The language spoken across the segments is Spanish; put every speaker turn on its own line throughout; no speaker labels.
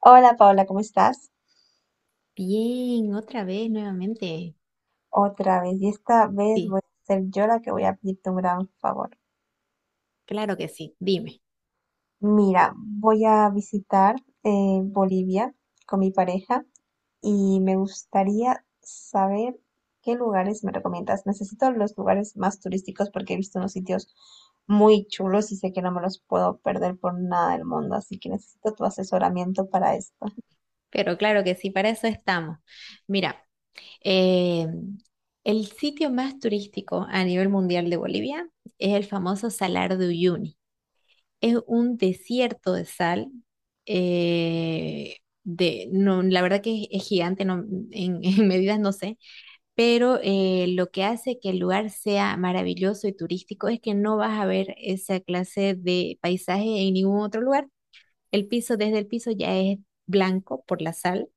Hola Paula, ¿cómo estás?
Bien, otra vez nuevamente.
Otra vez, y esta vez
Sí,
voy a ser yo la que voy a pedirte un gran favor.
claro que sí, dime.
Mira, voy a visitar Bolivia con mi pareja y me gustaría saber qué lugares me recomiendas. Necesito los lugares más turísticos porque he visto unos sitios muy chulos y sé que no me los puedo perder por nada del mundo, así que necesito tu asesoramiento para esto.
Pero claro que sí, para eso estamos. Mira, eh, el sitio más turístico a nivel mundial de Bolivia es el famoso Salar de Uyuni. Es un desierto de sal. eh, no, la verdad que es gigante, no, en, en medidas no sé, pero lo que hace que el lugar sea maravilloso y turístico es que no vas a ver esa clase de paisaje en ningún otro lugar. El piso, desde el piso ya es blanco por la sal.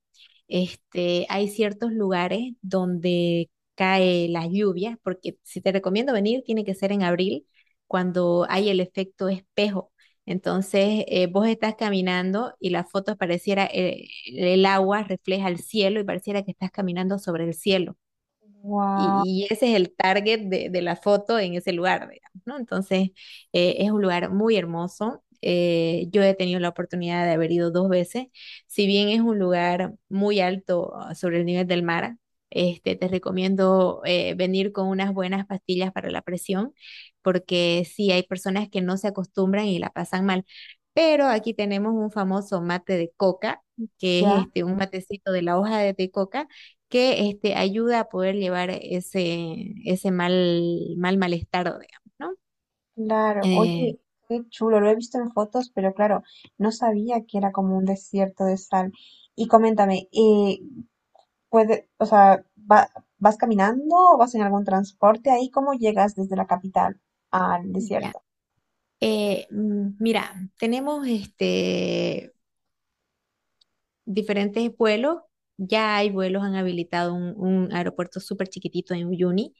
Hay ciertos lugares donde cae las lluvias, porque si te recomiendo venir, tiene que ser en abril, cuando hay el efecto espejo. Entonces, vos estás caminando y las fotos pareciera, el agua refleja el cielo y pareciera que estás caminando sobre el cielo.
Wow,
Y ese es el target de la foto en ese lugar, digamos, ¿no? Entonces, es un lugar muy hermoso. Yo he tenido la oportunidad de haber ido 2 veces. Si bien es un lugar muy alto, sobre el nivel del mar, te recomiendo venir con unas buenas pastillas para la presión, porque sí hay personas que no se acostumbran y la pasan mal. Pero aquí tenemos un famoso mate de coca, que es
ya.
un matecito de la hoja de coca que ayuda a poder llevar ese, ese malestar, digamos, ¿no?
Claro,
Eh,
oye, qué chulo, lo he visto en fotos, pero claro, no sabía que era como un desierto de sal. Y coméntame, puede, o sea, va- ¿vas caminando o vas en algún transporte ahí? ¿Cómo llegas desde la capital al
ya.
desierto?
Mira, tenemos diferentes vuelos. Ya hay vuelos, han habilitado un aeropuerto súper chiquitito en Uyuni.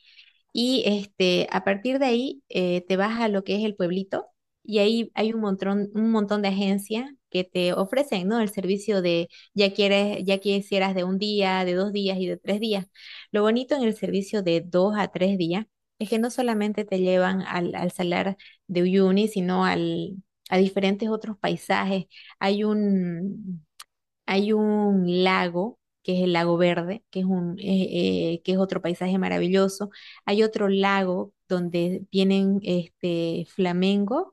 Y a partir de ahí te vas a lo que es el pueblito y ahí hay un montón de agencias que te ofrecen, ¿no? El servicio de ya quisieras de un día, de 2 días y de 3 días. Lo bonito en el servicio de dos a tres días es que no solamente te llevan al salar de Uyuni, sino a diferentes otros paisajes. Hay un, hay un lago, que es el Lago Verde, que es otro paisaje maravilloso. Hay otro lago donde vienen flamencos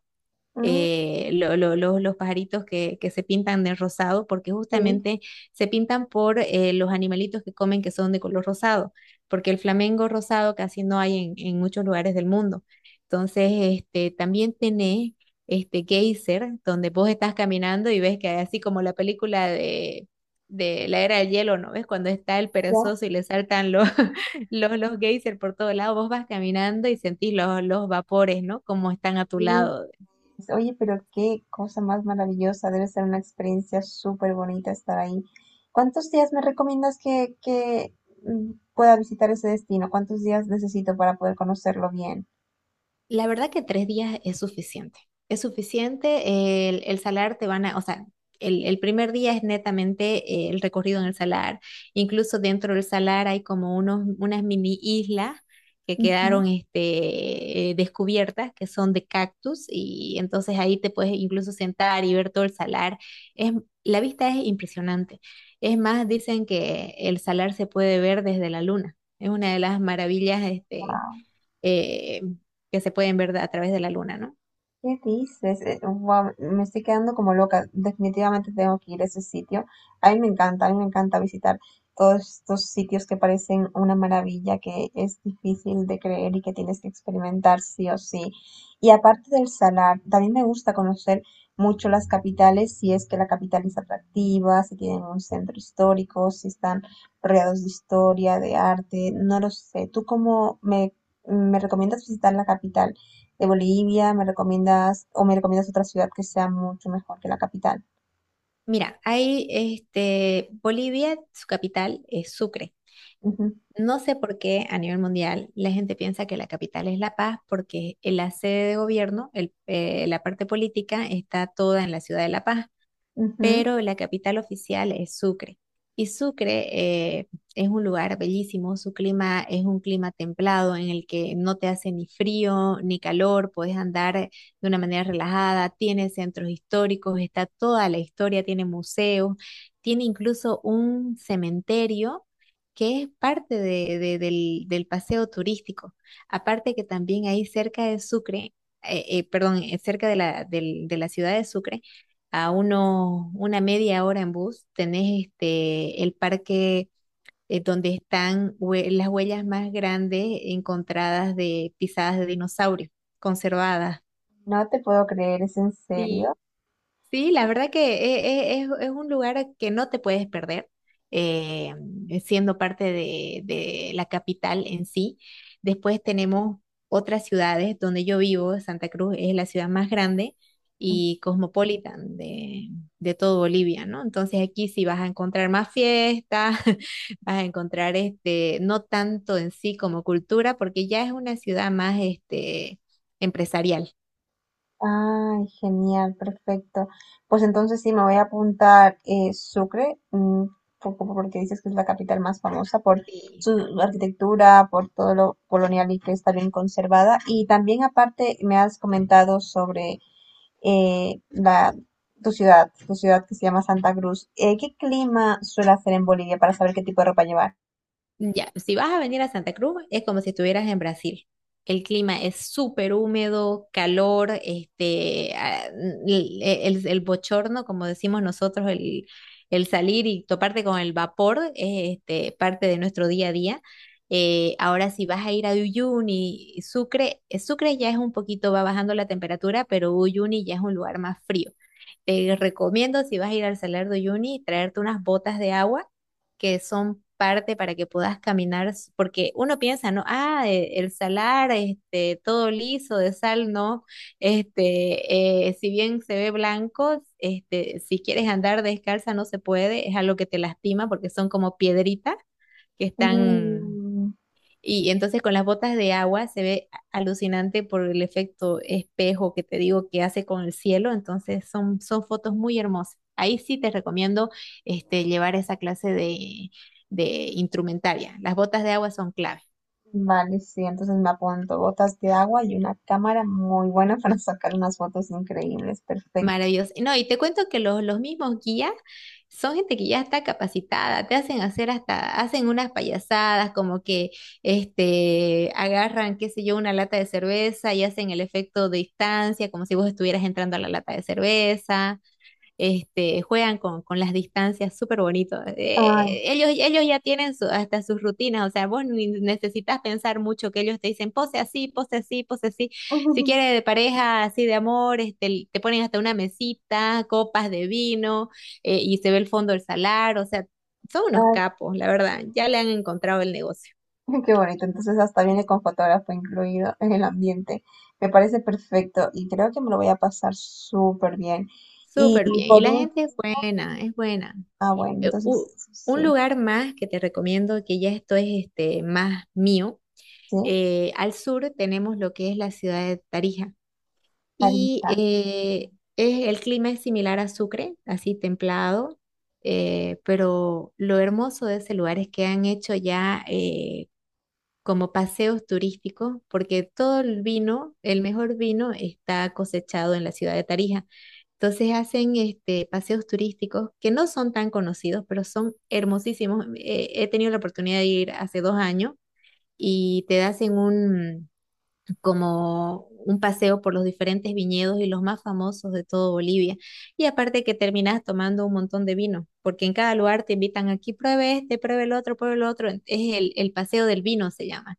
Mm,
los pajaritos que se pintan de rosado, porque
sí,
justamente se pintan por los animalitos que comen que son de color rosado, porque el flamengo rosado casi no hay en muchos lugares del mundo. Entonces, también tenés este geyser, donde vos estás caminando y ves que hay así como la película de la era del hielo, ¿no ves? Cuando está el
ya.
perezoso y le saltan los, los geysers por todo lado, vos vas caminando y sentís los vapores, ¿no? Como están a tu
Sí.
lado.
Oye, pero qué cosa más maravillosa, debe ser una experiencia súper bonita estar ahí. ¿Cuántos días me recomiendas que pueda visitar ese destino? ¿Cuántos días necesito para poder conocerlo bien?
La verdad que 3 días es suficiente. Es suficiente. El salar te van a, o sea, el primer día es netamente el recorrido en el salar. Incluso dentro del salar hay como unas mini islas que quedaron descubiertas, que son de cactus, y entonces ahí te puedes incluso sentar y ver todo el salar. Es, la vista es impresionante. Es más, dicen que el salar se puede ver desde la luna. Es una de las maravillas
Wow,
eh, que se pueden ver a través de la luna, ¿no?
¿qué dices? Guau, me estoy quedando como loca. Definitivamente tengo que ir a ese sitio. A mí me encanta, a mí me encanta visitar todos estos sitios que parecen una maravilla, que es difícil de creer y que tienes que experimentar sí o sí. Y aparte del salar, también me gusta conocer mucho las capitales, si es que la capital es atractiva, si tienen un centro histórico, si están rodeados de historia, de arte, no lo sé. ¿Tú cómo me recomiendas visitar la capital de Bolivia, me recomiendas o me recomiendas otra ciudad que sea mucho mejor que la capital?
Mira, Bolivia, su capital es Sucre.
Ujú,
No sé por qué a nivel mundial la gente piensa que la capital es La Paz, porque en la sede de gobierno, la parte política, está toda en la ciudad de La Paz.
ujú.
Pero la capital oficial es Sucre. Y Sucre es un lugar bellísimo, su clima es un clima templado en el que no te hace ni frío ni calor, puedes andar de una manera relajada, tiene centros históricos, está toda la historia, tiene museos, tiene incluso un cementerio que es parte del paseo turístico. Aparte que también ahí cerca de Sucre, perdón, cerca de de la ciudad de Sucre, a una media hora en bus, tenés el parque donde están las huellas más grandes encontradas de pisadas de dinosaurios, conservadas.
No te puedo creer, ¿es en serio?
Sí, la verdad que es un lugar que no te puedes perder, eh, siendo parte de la capital en sí. Después tenemos otras ciudades donde yo vivo, Santa Cruz es la ciudad más grande y cosmopolitan de todo Bolivia, ¿no? Entonces aquí sí vas a encontrar más fiestas, vas a encontrar no tanto en sí como cultura, porque ya es una ciudad más empresarial.
Ay, genial, perfecto. Pues entonces sí, me voy a apuntar Sucre, porque dices que es la capital más famosa por
Sí.
su arquitectura, por todo lo colonial y que está bien conservada. Y también aparte me has comentado sobre eh, la, tu tu ciudad que se llama Santa Cruz. ¿Qué clima suele hacer en Bolivia para saber qué tipo de ropa llevar?
Ya, si vas a venir a Santa Cruz, es como si estuvieras en Brasil. El clima es súper húmedo, calor, el bochorno, como decimos nosotros, el salir y toparte con el vapor es parte de nuestro día a día. Ahora, si vas a ir a Uyuni, Sucre, Sucre ya es un poquito, va bajando la temperatura, pero Uyuni ya es un lugar más frío. Te recomiendo, si vas a ir al Salar de Uyuni, traerte unas botas de agua que son parte para que puedas caminar, porque uno piensa, ¿no? Ah, el salar, todo liso de sal, no, si bien se ve blanco, si quieres andar descalza no se puede, es algo que te lastima porque son como piedritas que están
Mm,
y entonces con las botas de agua se ve alucinante por el efecto espejo que te digo que hace con el cielo. Entonces son, son fotos muy hermosas. Ahí sí te recomiendo llevar esa clase de instrumentaria. Las botas de agua son clave.
vale, sí, entonces me apunto botas de agua y una cámara muy buena para sacar unas fotos increíbles, perfecto.
Maravilloso. No, y te cuento que los mismos guías son gente que ya está capacitada, te hacen hacer hasta, hacen unas payasadas como que agarran, qué sé yo, una lata de cerveza y hacen el efecto de distancia, como si vos estuvieras entrando a la lata de cerveza juegan con las distancias súper bonito.
Ay,
Ellos ya tienen hasta sus rutinas, o sea, vos ni necesitas pensar mucho que ellos te dicen pose así, pose así, pose así. Si quieres de pareja, así de amor, te ponen hasta una mesita, copas de vino, y se ve el fondo del salar, o sea, son unos
ay,
capos, la verdad, ya le han encontrado el negocio.
qué bonito, entonces hasta viene con fotógrafo incluido en el ambiente. Me parece perfecto y creo que me lo voy a pasar súper bien. Y
Súper bien, y
por
la
último,
gente es buena, es buena.
ah, bueno,
Eh,
entonces
u- un
sí,
lugar más que te recomiendo, que ya esto es más mío,
sí,
al sur tenemos lo que es la ciudad de Tarija y
carita.
el clima es similar a Sucre, así templado, pero lo hermoso de ese lugar es que han hecho ya como paseos turísticos, porque todo el vino, el mejor vino, está cosechado en la ciudad de Tarija. Entonces hacen paseos turísticos que no son tan conocidos, pero son hermosísimos. He tenido la oportunidad de ir hace 2 años y te hacen como un paseo por los diferentes viñedos y los más famosos de todo Bolivia. Y aparte que terminas tomando un montón de vino, porque en cada lugar te invitan aquí, pruebe este, pruebe el otro, pruebe el otro. Es el paseo del vino, se llama.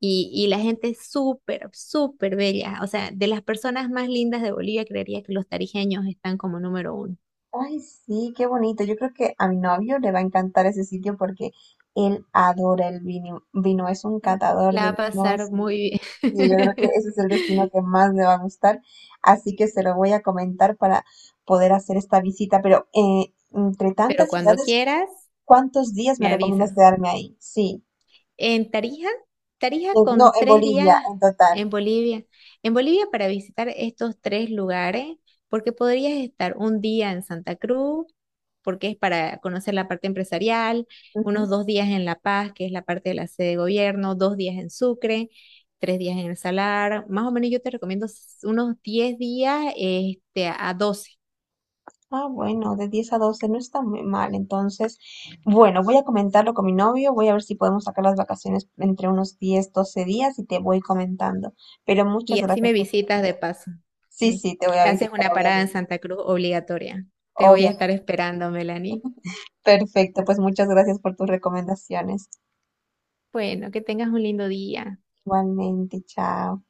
Y la gente es súper, súper bella. O sea, de las personas más lindas de Bolivia, creería que los tarijeños están como número uno,
Ay, sí, qué bonito. Yo creo que a mi novio le va a encantar ese sitio porque él adora el vino. Vino es un
¿no?
catador
La va a
de vinos
pasar muy
y yo creo que
bien.
ese es el destino que más le va a gustar. Así que se lo voy a comentar para poder hacer esta visita. Pero entre
Pero
tantas
cuando
ciudades,
quieras,
¿cuántos días
me
me recomiendas
avisas.
quedarme ahí? Sí,
En Tarija, Tarija
no,
con
en
tres
Bolivia,
días
en total.
en Bolivia. En Bolivia para visitar estos tres lugares, porque podrías estar un día en Santa Cruz, porque es para conocer la parte empresarial, unos dos días en La Paz, que es la parte de la sede de gobierno, 2 días en Sucre, 3 días en El Salar. Más o menos yo te recomiendo unos 10 días a 12.
Ah, bueno, de 10 a 12 no está muy mal. Entonces, bueno, voy a comentarlo con mi novio, voy a ver si podemos sacar las vacaciones entre unos 10, 12 días y te voy comentando. Pero muchas
Y así
gracias
me
por...
visitas de paso.
Sí, sí, te voy a
Haces
visitar,
una parada en
obviamente.
Santa Cruz obligatoria. Te voy a estar
Obviamente.
esperando, Melanie.
Perfecto, pues muchas gracias por tus recomendaciones.
Bueno, que tengas un lindo día.
Igualmente, chao.